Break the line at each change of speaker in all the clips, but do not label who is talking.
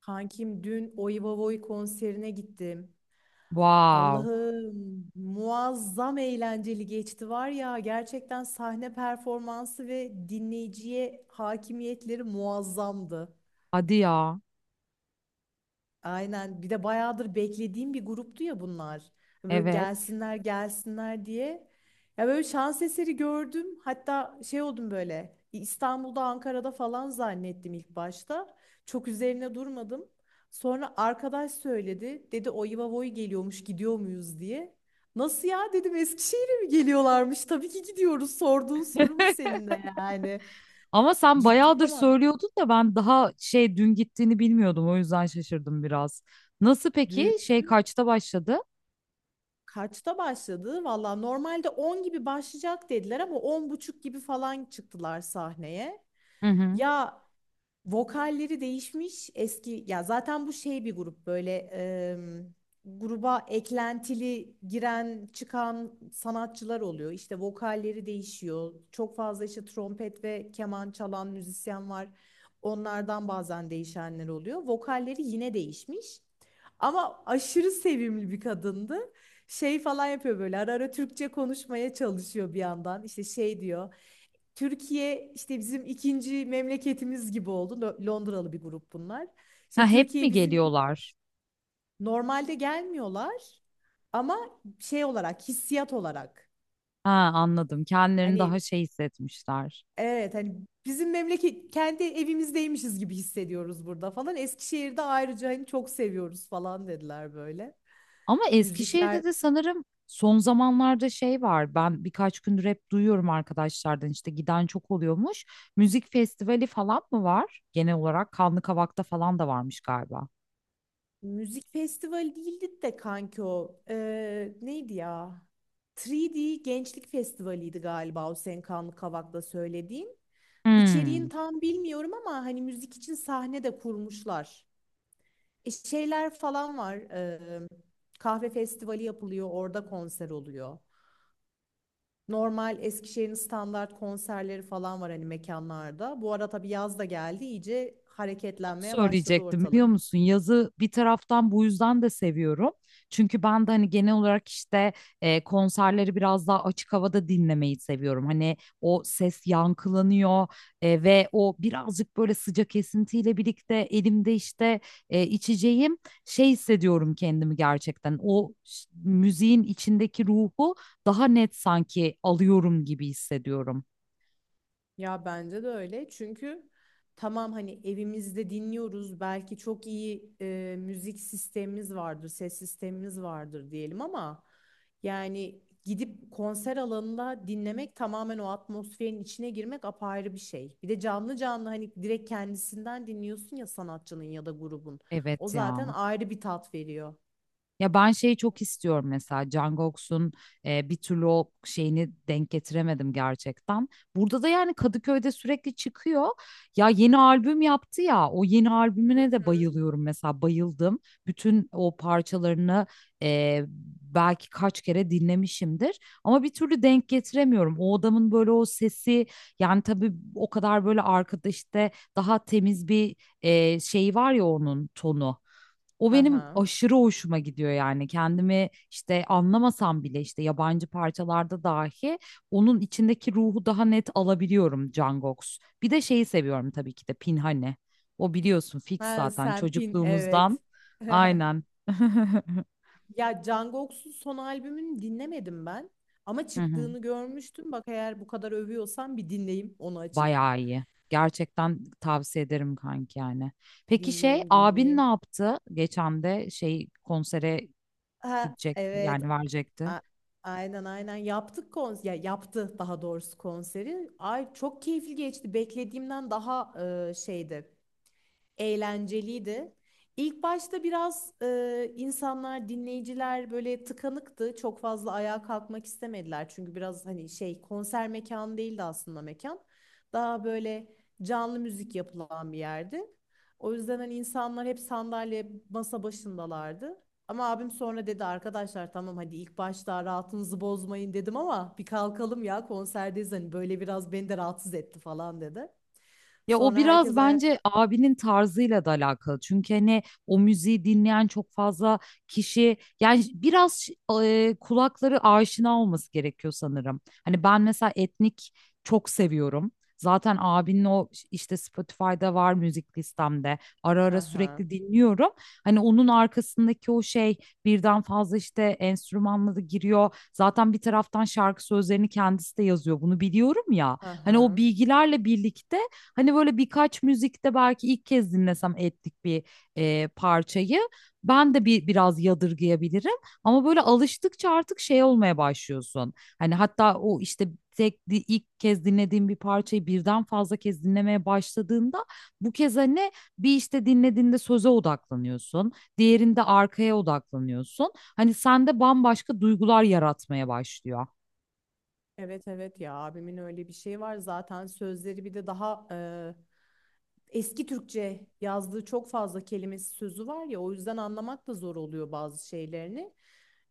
Kankim dün Oivavoy konserine gittim.
Wow.
Allah'ım muazzam eğlenceli geçti var ya, gerçekten sahne performansı ve dinleyiciye hakimiyetleri muazzamdı.
Hadi ya.
Aynen. Bir de bayağıdır beklediğim bir gruptu ya bunlar. Böyle
Evet.
gelsinler gelsinler diye. Ya böyle şans eseri gördüm. Hatta şey oldum böyle. İstanbul'da, Ankara'da falan zannettim ilk başta. Çok üzerine durmadım. Sonra arkadaş söyledi. Dedi o Voy geliyormuş gidiyor muyuz diye. Nasıl ya dedim, Eskişehir'e mi geliyorlarmış? Tabii ki gidiyoruz. Sorduğun soru mu senin de yani.
Ama sen
Gittik
bayağıdır
ama
söylüyordun da ben daha dün gittiğini bilmiyordum. O yüzden şaşırdım biraz. Nasıl peki?
dün.
Kaçta başladı?
Kaçta başladı? Valla normalde 10 gibi başlayacak dediler ama 10.30 gibi falan çıktılar sahneye.
Hı hı.
Ya vokalleri değişmiş eski ya, zaten bu şey bir grup böyle, gruba eklentili giren çıkan sanatçılar oluyor. İşte vokalleri değişiyor. Çok fazla işte trompet ve keman çalan müzisyen var. Onlardan bazen değişenler oluyor. Vokalleri yine değişmiş. Ama aşırı sevimli bir kadındı. Şey falan yapıyor böyle, ara ara Türkçe konuşmaya çalışıyor bir yandan. İşte şey diyor. Türkiye işte bizim ikinci memleketimiz gibi oldu. Londralı bir grup bunlar.
Ha,
İşte
hep mi
Türkiye bizim
geliyorlar?
normalde gelmiyorlar ama şey olarak, hissiyat olarak,
Ha, anladım. Kendilerini daha
hani
hissetmişler.
evet hani bizim memleket, kendi evimizdeymişiz gibi hissediyoruz burada falan. Eskişehir'de ayrıca hani çok seviyoruz falan dediler böyle.
Ama
Müzikler
Eskişehir'de de sanırım son zamanlarda var. Ben birkaç gündür hep duyuyorum arkadaşlardan, işte giden çok oluyormuş. Müzik festivali falan mı var? Genel olarak Kanlı Kavak'ta falan da varmış galiba.
müzik festivali değildi de kanki o. Neydi ya? 3D Gençlik Festivali'ydi galiba o senin Kanlı Kavak'ta söylediğin.
Hmm.
İçeriğini tam bilmiyorum ama hani müzik için sahne de kurmuşlar. Şeyler falan var. Kahve festivali yapılıyor, orada konser oluyor. Normal Eskişehir'in standart konserleri falan var hani mekanlarda. Bu ara tabii yaz da geldi, iyice hareketlenmeye başladı
Söyleyecektim, biliyor
ortalık.
musun? Yazı bir taraftan bu yüzden de seviyorum. Çünkü ben de hani genel olarak işte konserleri biraz daha açık havada dinlemeyi seviyorum. Hani o ses yankılanıyor ve o birazcık böyle sıcak esintiyle birlikte elimde işte içeceğim, şey hissediyorum kendimi gerçekten. Müziğin içindeki ruhu daha net sanki alıyorum gibi hissediyorum.
Ya bence de öyle. Çünkü tamam hani evimizde dinliyoruz. Belki çok iyi müzik sistemimiz vardır, ses sistemimiz vardır diyelim ama yani gidip konser alanında dinlemek, tamamen o atmosferin içine girmek apayrı bir şey. Bir de canlı canlı hani direkt kendisinden dinliyorsun ya, sanatçının ya da grubun. O
Evet
zaten
ya.
ayrı bir tat veriyor.
Ya ben şeyi çok istiyorum, mesela Jungkook'un bir türlü o şeyini denk getiremedim gerçekten. Burada da yani Kadıköy'de sürekli çıkıyor. Ya yeni albüm yaptı ya, o yeni albümüne de bayılıyorum, mesela bayıldım. Bütün o parçalarını e, belki kaç kere dinlemişimdir ama bir türlü denk getiremiyorum. O adamın böyle o sesi, yani tabii o kadar böyle arkada işte daha temiz bir şey var ya, onun tonu. O benim
Aha.
aşırı hoşuma gidiyor yani. Kendimi işte anlamasam bile, işte yabancı parçalarda dahi onun içindeki ruhu daha net alabiliyorum Cangox. Bir de şeyi seviyorum, tabii ki de Pinhane. O biliyorsun fix
Ha,
zaten
sen pin
çocukluğumuzdan.
evet.
Aynen.
Ya Jungkook'un son albümünü dinlemedim ben. Ama
Hı hı.
çıktığını görmüştüm. Bak, eğer bu kadar övüyorsan bir dinleyeyim onu açıp.
Bayağı iyi. Gerçekten tavsiye ederim kanki yani. Peki
Dinleyeyim
abin ne
dinleyeyim.
yaptı? Geçen de konsere
Ha,
gidecekti,
evet.
yani verecekti.
A- aynen aynen yaptık konser. Ya yaptı daha doğrusu konseri. Ay çok keyifli geçti. Beklediğimden daha e, şeydi. Eğlenceliydi. İlk başta biraz insanlar, dinleyiciler böyle tıkanıktı. Çok fazla ayağa kalkmak istemediler. Çünkü biraz hani şey, konser mekanı değildi aslında mekan. Daha böyle canlı müzik yapılan bir yerdi. O yüzden hani insanlar hep sandalye, masa başındalardı. Ama abim sonra dedi arkadaşlar tamam hadi, ilk başta rahatınızı bozmayın dedim ama bir kalkalım ya, konserdeyiz hani, böyle biraz beni de rahatsız etti falan dedi.
Ya o
Sonra
biraz
herkes
bence
ayak...
abinin tarzıyla da alakalı. Çünkü hani o müziği dinleyen çok fazla kişi, yani biraz kulakları aşina olması gerekiyor sanırım. Hani ben mesela etnik çok seviyorum. Zaten abinin o işte Spotify'da var müzik listemde. Ara
Hı
ara
hı.
sürekli dinliyorum. Hani onun arkasındaki o şey birden fazla işte enstrümanla da giriyor. Zaten bir taraftan şarkı sözlerini kendisi de yazıyor. Bunu biliyorum ya.
Hı
Hani o
hı.
bilgilerle birlikte, hani böyle birkaç müzikte belki ilk kez dinlesem ettik bir parçayı, ben de bir biraz yadırgayabilirim, ama böyle alıştıkça artık şey olmaya başlıyorsun. Hani hatta o işte ilk kez dinlediğim bir parçayı birden fazla kez dinlemeye başladığında, bu kez hani bir işte dinlediğinde söze odaklanıyorsun, diğerinde arkaya odaklanıyorsun. Hani sende bambaşka duygular yaratmaya başlıyor.
Evet evet ya, abimin öyle bir şeyi var, zaten sözleri bir de daha eski Türkçe yazdığı çok fazla kelimesi sözü var ya, o yüzden anlamak da zor oluyor bazı şeylerini.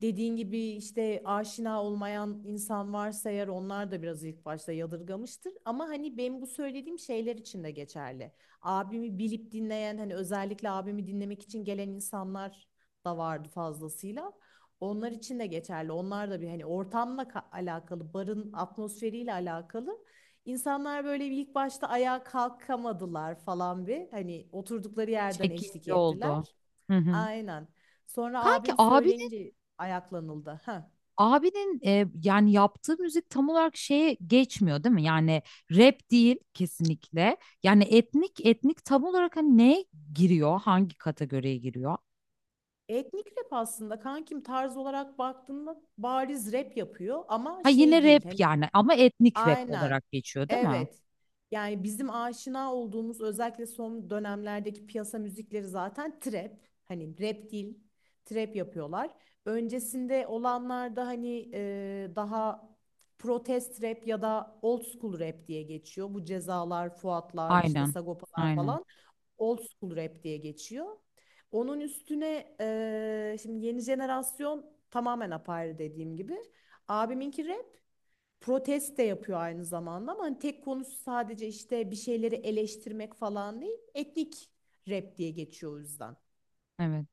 Dediğin gibi işte aşina olmayan insan varsa eğer, onlar da biraz ilk başta yadırgamıştır. Ama hani benim bu söylediğim şeyler için de geçerli. Abimi bilip dinleyen hani, özellikle abimi dinlemek için gelen insanlar da vardı fazlasıyla. Onlar için de geçerli. Onlar da bir hani ortamla alakalı, barın atmosferiyle alakalı, İnsanlar böyle bir ilk başta ayağa kalkamadılar falan bir. Hani oturdukları
Bir
yerden eşlik
çekince
ettiler.
oldu. Hı hı.
Aynen. Sonra
Kanki
abim
abi,
söyleyince ayaklanıldı. Ha.
abinin yani yaptığı müzik tam olarak şeye geçmiyor değil mi? Yani rap değil kesinlikle. Yani etnik etnik tam olarak hani neye giriyor? Hangi kategoriye giriyor?
Etnik rap aslında kankim, tarz olarak baktığında bariz rap yapıyor ama
Ha yine
şey değil
rap
hani.
yani, ama etnik rap
Aynen.
olarak geçiyor değil mi?
Evet. Yani bizim aşina olduğumuz, özellikle son dönemlerdeki piyasa müzikleri zaten trap. Hani rap değil, trap yapıyorlar. Öncesinde olanlarda hani daha protest rap ya da old school rap diye geçiyor. Bu Cezalar, Fuatlar, işte
Aynen.
Sagopalar
Aynen.
falan old school rap diye geçiyor. Onun üstüne şimdi yeni jenerasyon tamamen apayrı, dediğim gibi. Abiminki rap, protest de yapıyor aynı zamanda, ama hani tek konusu sadece işte bir şeyleri eleştirmek falan değil. Etnik rap diye geçiyor o yüzden.
Evet.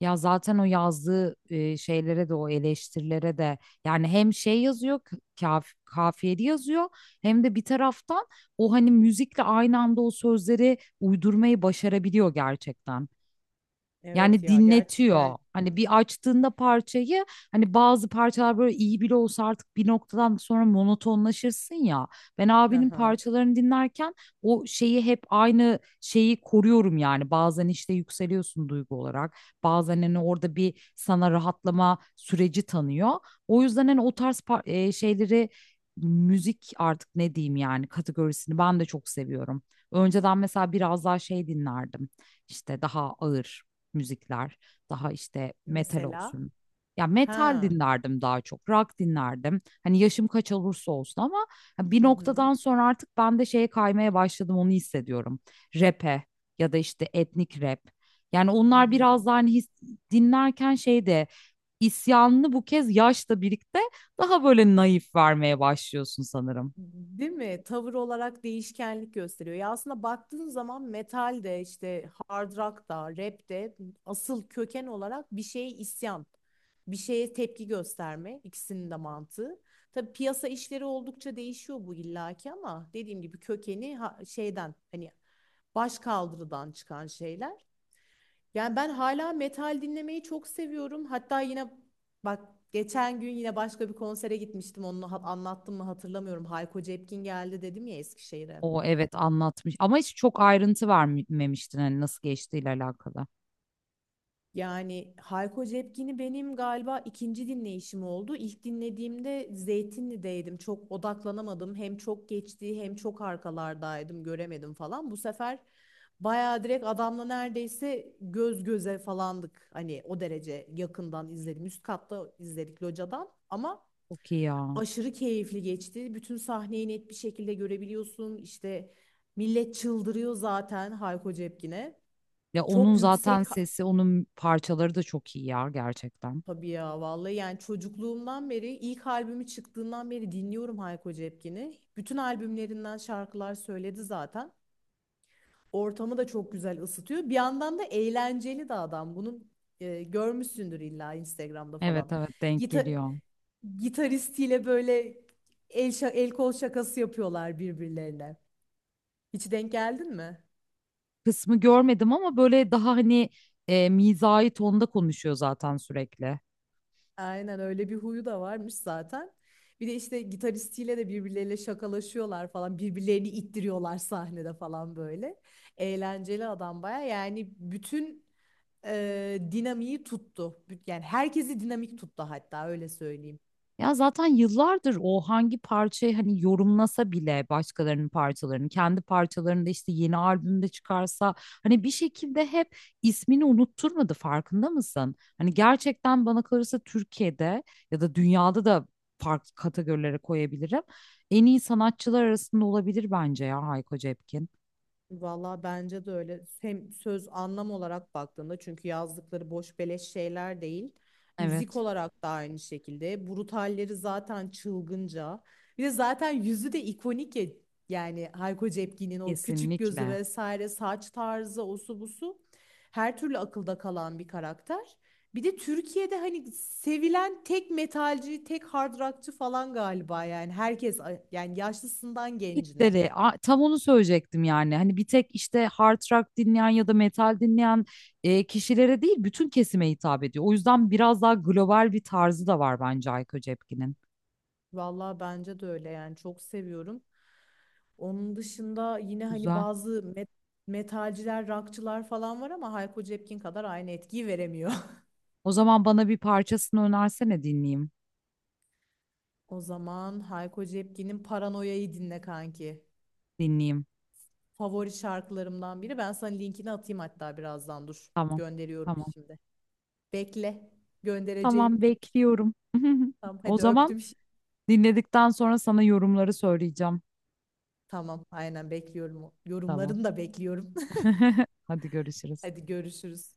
Ya zaten o yazdığı şeylere de, o eleştirilere de, yani hem şey yazıyor, kaf kafiyeli yazıyor, hem de bir taraftan o hani müzikle aynı anda o sözleri uydurmayı başarabiliyor gerçekten.
Evet
Yani
ya, gerçi yani
dinletiyor. Hani bir açtığında parçayı, hani bazı parçalar böyle iyi bile olsa artık bir noktadan sonra monotonlaşırsın ya. Ben abinin
aha.
parçalarını dinlerken o şeyi hep aynı şeyi koruyorum yani. Bazen işte yükseliyorsun duygu olarak. Bazen hani orada bir sana rahatlama süreci tanıyor. O yüzden hani o tarz şeyleri, müzik, artık ne diyeyim yani, kategorisini ben de çok seviyorum. Önceden mesela biraz daha dinlerdim. İşte daha ağır müzikler, daha işte metal
Mesela
olsun. Ya metal
ha.
dinlerdim daha çok, rock dinlerdim. Hani yaşım kaç olursa olsun ama hani bir
Hı hı.
noktadan sonra artık ben de şeye kaymaya başladım, onu hissediyorum. Rap'e ya da işte etnik rap. Yani
Hı
onlar
hı.
biraz daha hani his, dinlerken şey de isyanını bu kez yaşla birlikte daha böyle naif vermeye başlıyorsun sanırım.
Değil mi? Tavır olarak değişkenlik gösteriyor. Ya aslında baktığın zaman metal de, işte hard rock da, rap de asıl köken olarak bir şeye isyan, bir şeye tepki gösterme ikisinin de mantığı. Tabii piyasa işleri oldukça değişiyor bu illaki, ama dediğim gibi kökeni şeyden, hani baş kaldırıdan çıkan şeyler. Yani ben hala metal dinlemeyi çok seviyorum. Hatta yine bak, geçen gün yine başka bir konsere gitmiştim. Onu anlattım mı hatırlamıyorum. Hayko Cepkin geldi dedim ya Eskişehir'e.
O evet, anlatmış ama hiç çok ayrıntı vermemiştin hani nasıl geçtiğiyle alakalı.
Yani Hayko Cepkin'i benim galiba ikinci dinleyişim oldu. İlk dinlediğimde Zeytinli'deydim. Çok odaklanamadım. Hem çok geçti, hem çok arkalardaydım. Göremedim falan. Bu sefer bayağı direkt adamla neredeyse göz göze falandık. Hani o derece yakından izledim. Üst katta izledik locadan ama
Çok iyi ya.
aşırı keyifli geçti. Bütün sahneyi net bir şekilde görebiliyorsun. İşte millet çıldırıyor zaten Hayko Cepkin'e.
Ya onun
Çok
zaten
yüksek
sesi, onun parçaları da çok iyi ya gerçekten.
tabii ya, vallahi yani çocukluğumdan beri, ilk albümü çıktığından beri dinliyorum Hayko Cepkin'i. Bütün albümlerinden şarkılar söyledi zaten. Ortamı da çok güzel ısıtıyor. Bir yandan da eğlenceli de adam. Bunu görmüşsündür illa Instagram'da
Evet
falan.
evet, denk
Gita
geliyor.
Gitaristiyle böyle el kol şakası yapıyorlar birbirlerine. Hiç denk geldin mi?
Kısmı görmedim ama böyle daha hani mizahi tonda konuşuyor zaten sürekli.
Aynen, öyle bir huyu da varmış zaten. Bir de işte gitaristiyle de birbirleriyle şakalaşıyorlar falan. Birbirlerini ittiriyorlar sahnede falan böyle. Eğlenceli adam baya. Yani bütün dinamiği tuttu. Yani herkesi dinamik tuttu, hatta öyle söyleyeyim.
Ya zaten yıllardır o hangi parçayı hani yorumlasa bile, başkalarının parçalarını, kendi parçalarını da işte yeni albümde çıkarsa, hani bir şekilde hep ismini unutturmadı, farkında mısın? Hani gerçekten bana kalırsa Türkiye'de ya da dünyada da farklı kategorilere koyabilirim. En iyi sanatçılar arasında olabilir bence ya Hayko Cepkin.
Valla bence de öyle. Hem söz anlam olarak baktığında, çünkü yazdıkları boş beleş şeyler değil. Müzik
Evet,
olarak da aynı şekilde. Brutalleri zaten çılgınca. Bir de zaten yüzü de ikonik ya. Yani Hayko Cepkin'in o küçük gözü
kesinlikle.
vesaire, saç tarzı, osu busu, her türlü akılda kalan bir karakter. Bir de Türkiye'de hani sevilen tek metalci, tek hard rockçı falan galiba, yani herkes, yani yaşlısından gencine.
Tam onu söyleyecektim, yani hani bir tek işte hard rock dinleyen ya da metal dinleyen kişilere değil, bütün kesime hitap ediyor. O yüzden biraz daha global bir tarzı da var bence Ayko Cepkin'in.
Vallahi bence de öyle, yani çok seviyorum. Onun dışında yine hani
Güzel.
bazı metalciler, rockçılar falan var ama Hayko Cepkin kadar aynı etkiyi veremiyor.
O zaman bana bir parçasını önersene, dinleyeyim.
O zaman Hayko Cepkin'in Paranoya'yı dinle kanki.
Dinleyeyim.
Favori şarkılarımdan biri. Ben sana linkini atayım hatta birazdan, dur.
Tamam.
Gönderiyorum
Tamam.
şimdi. Bekle.
Tamam,
Göndereceğim.
bekliyorum.
Tamam
O
hadi,
zaman
öptüm şimdi.
dinledikten sonra sana yorumları söyleyeceğim.
Tamam aynen, bekliyorum.
Tamam.
Yorumlarını da bekliyorum.
Hadi görüşürüz.
Hadi görüşürüz.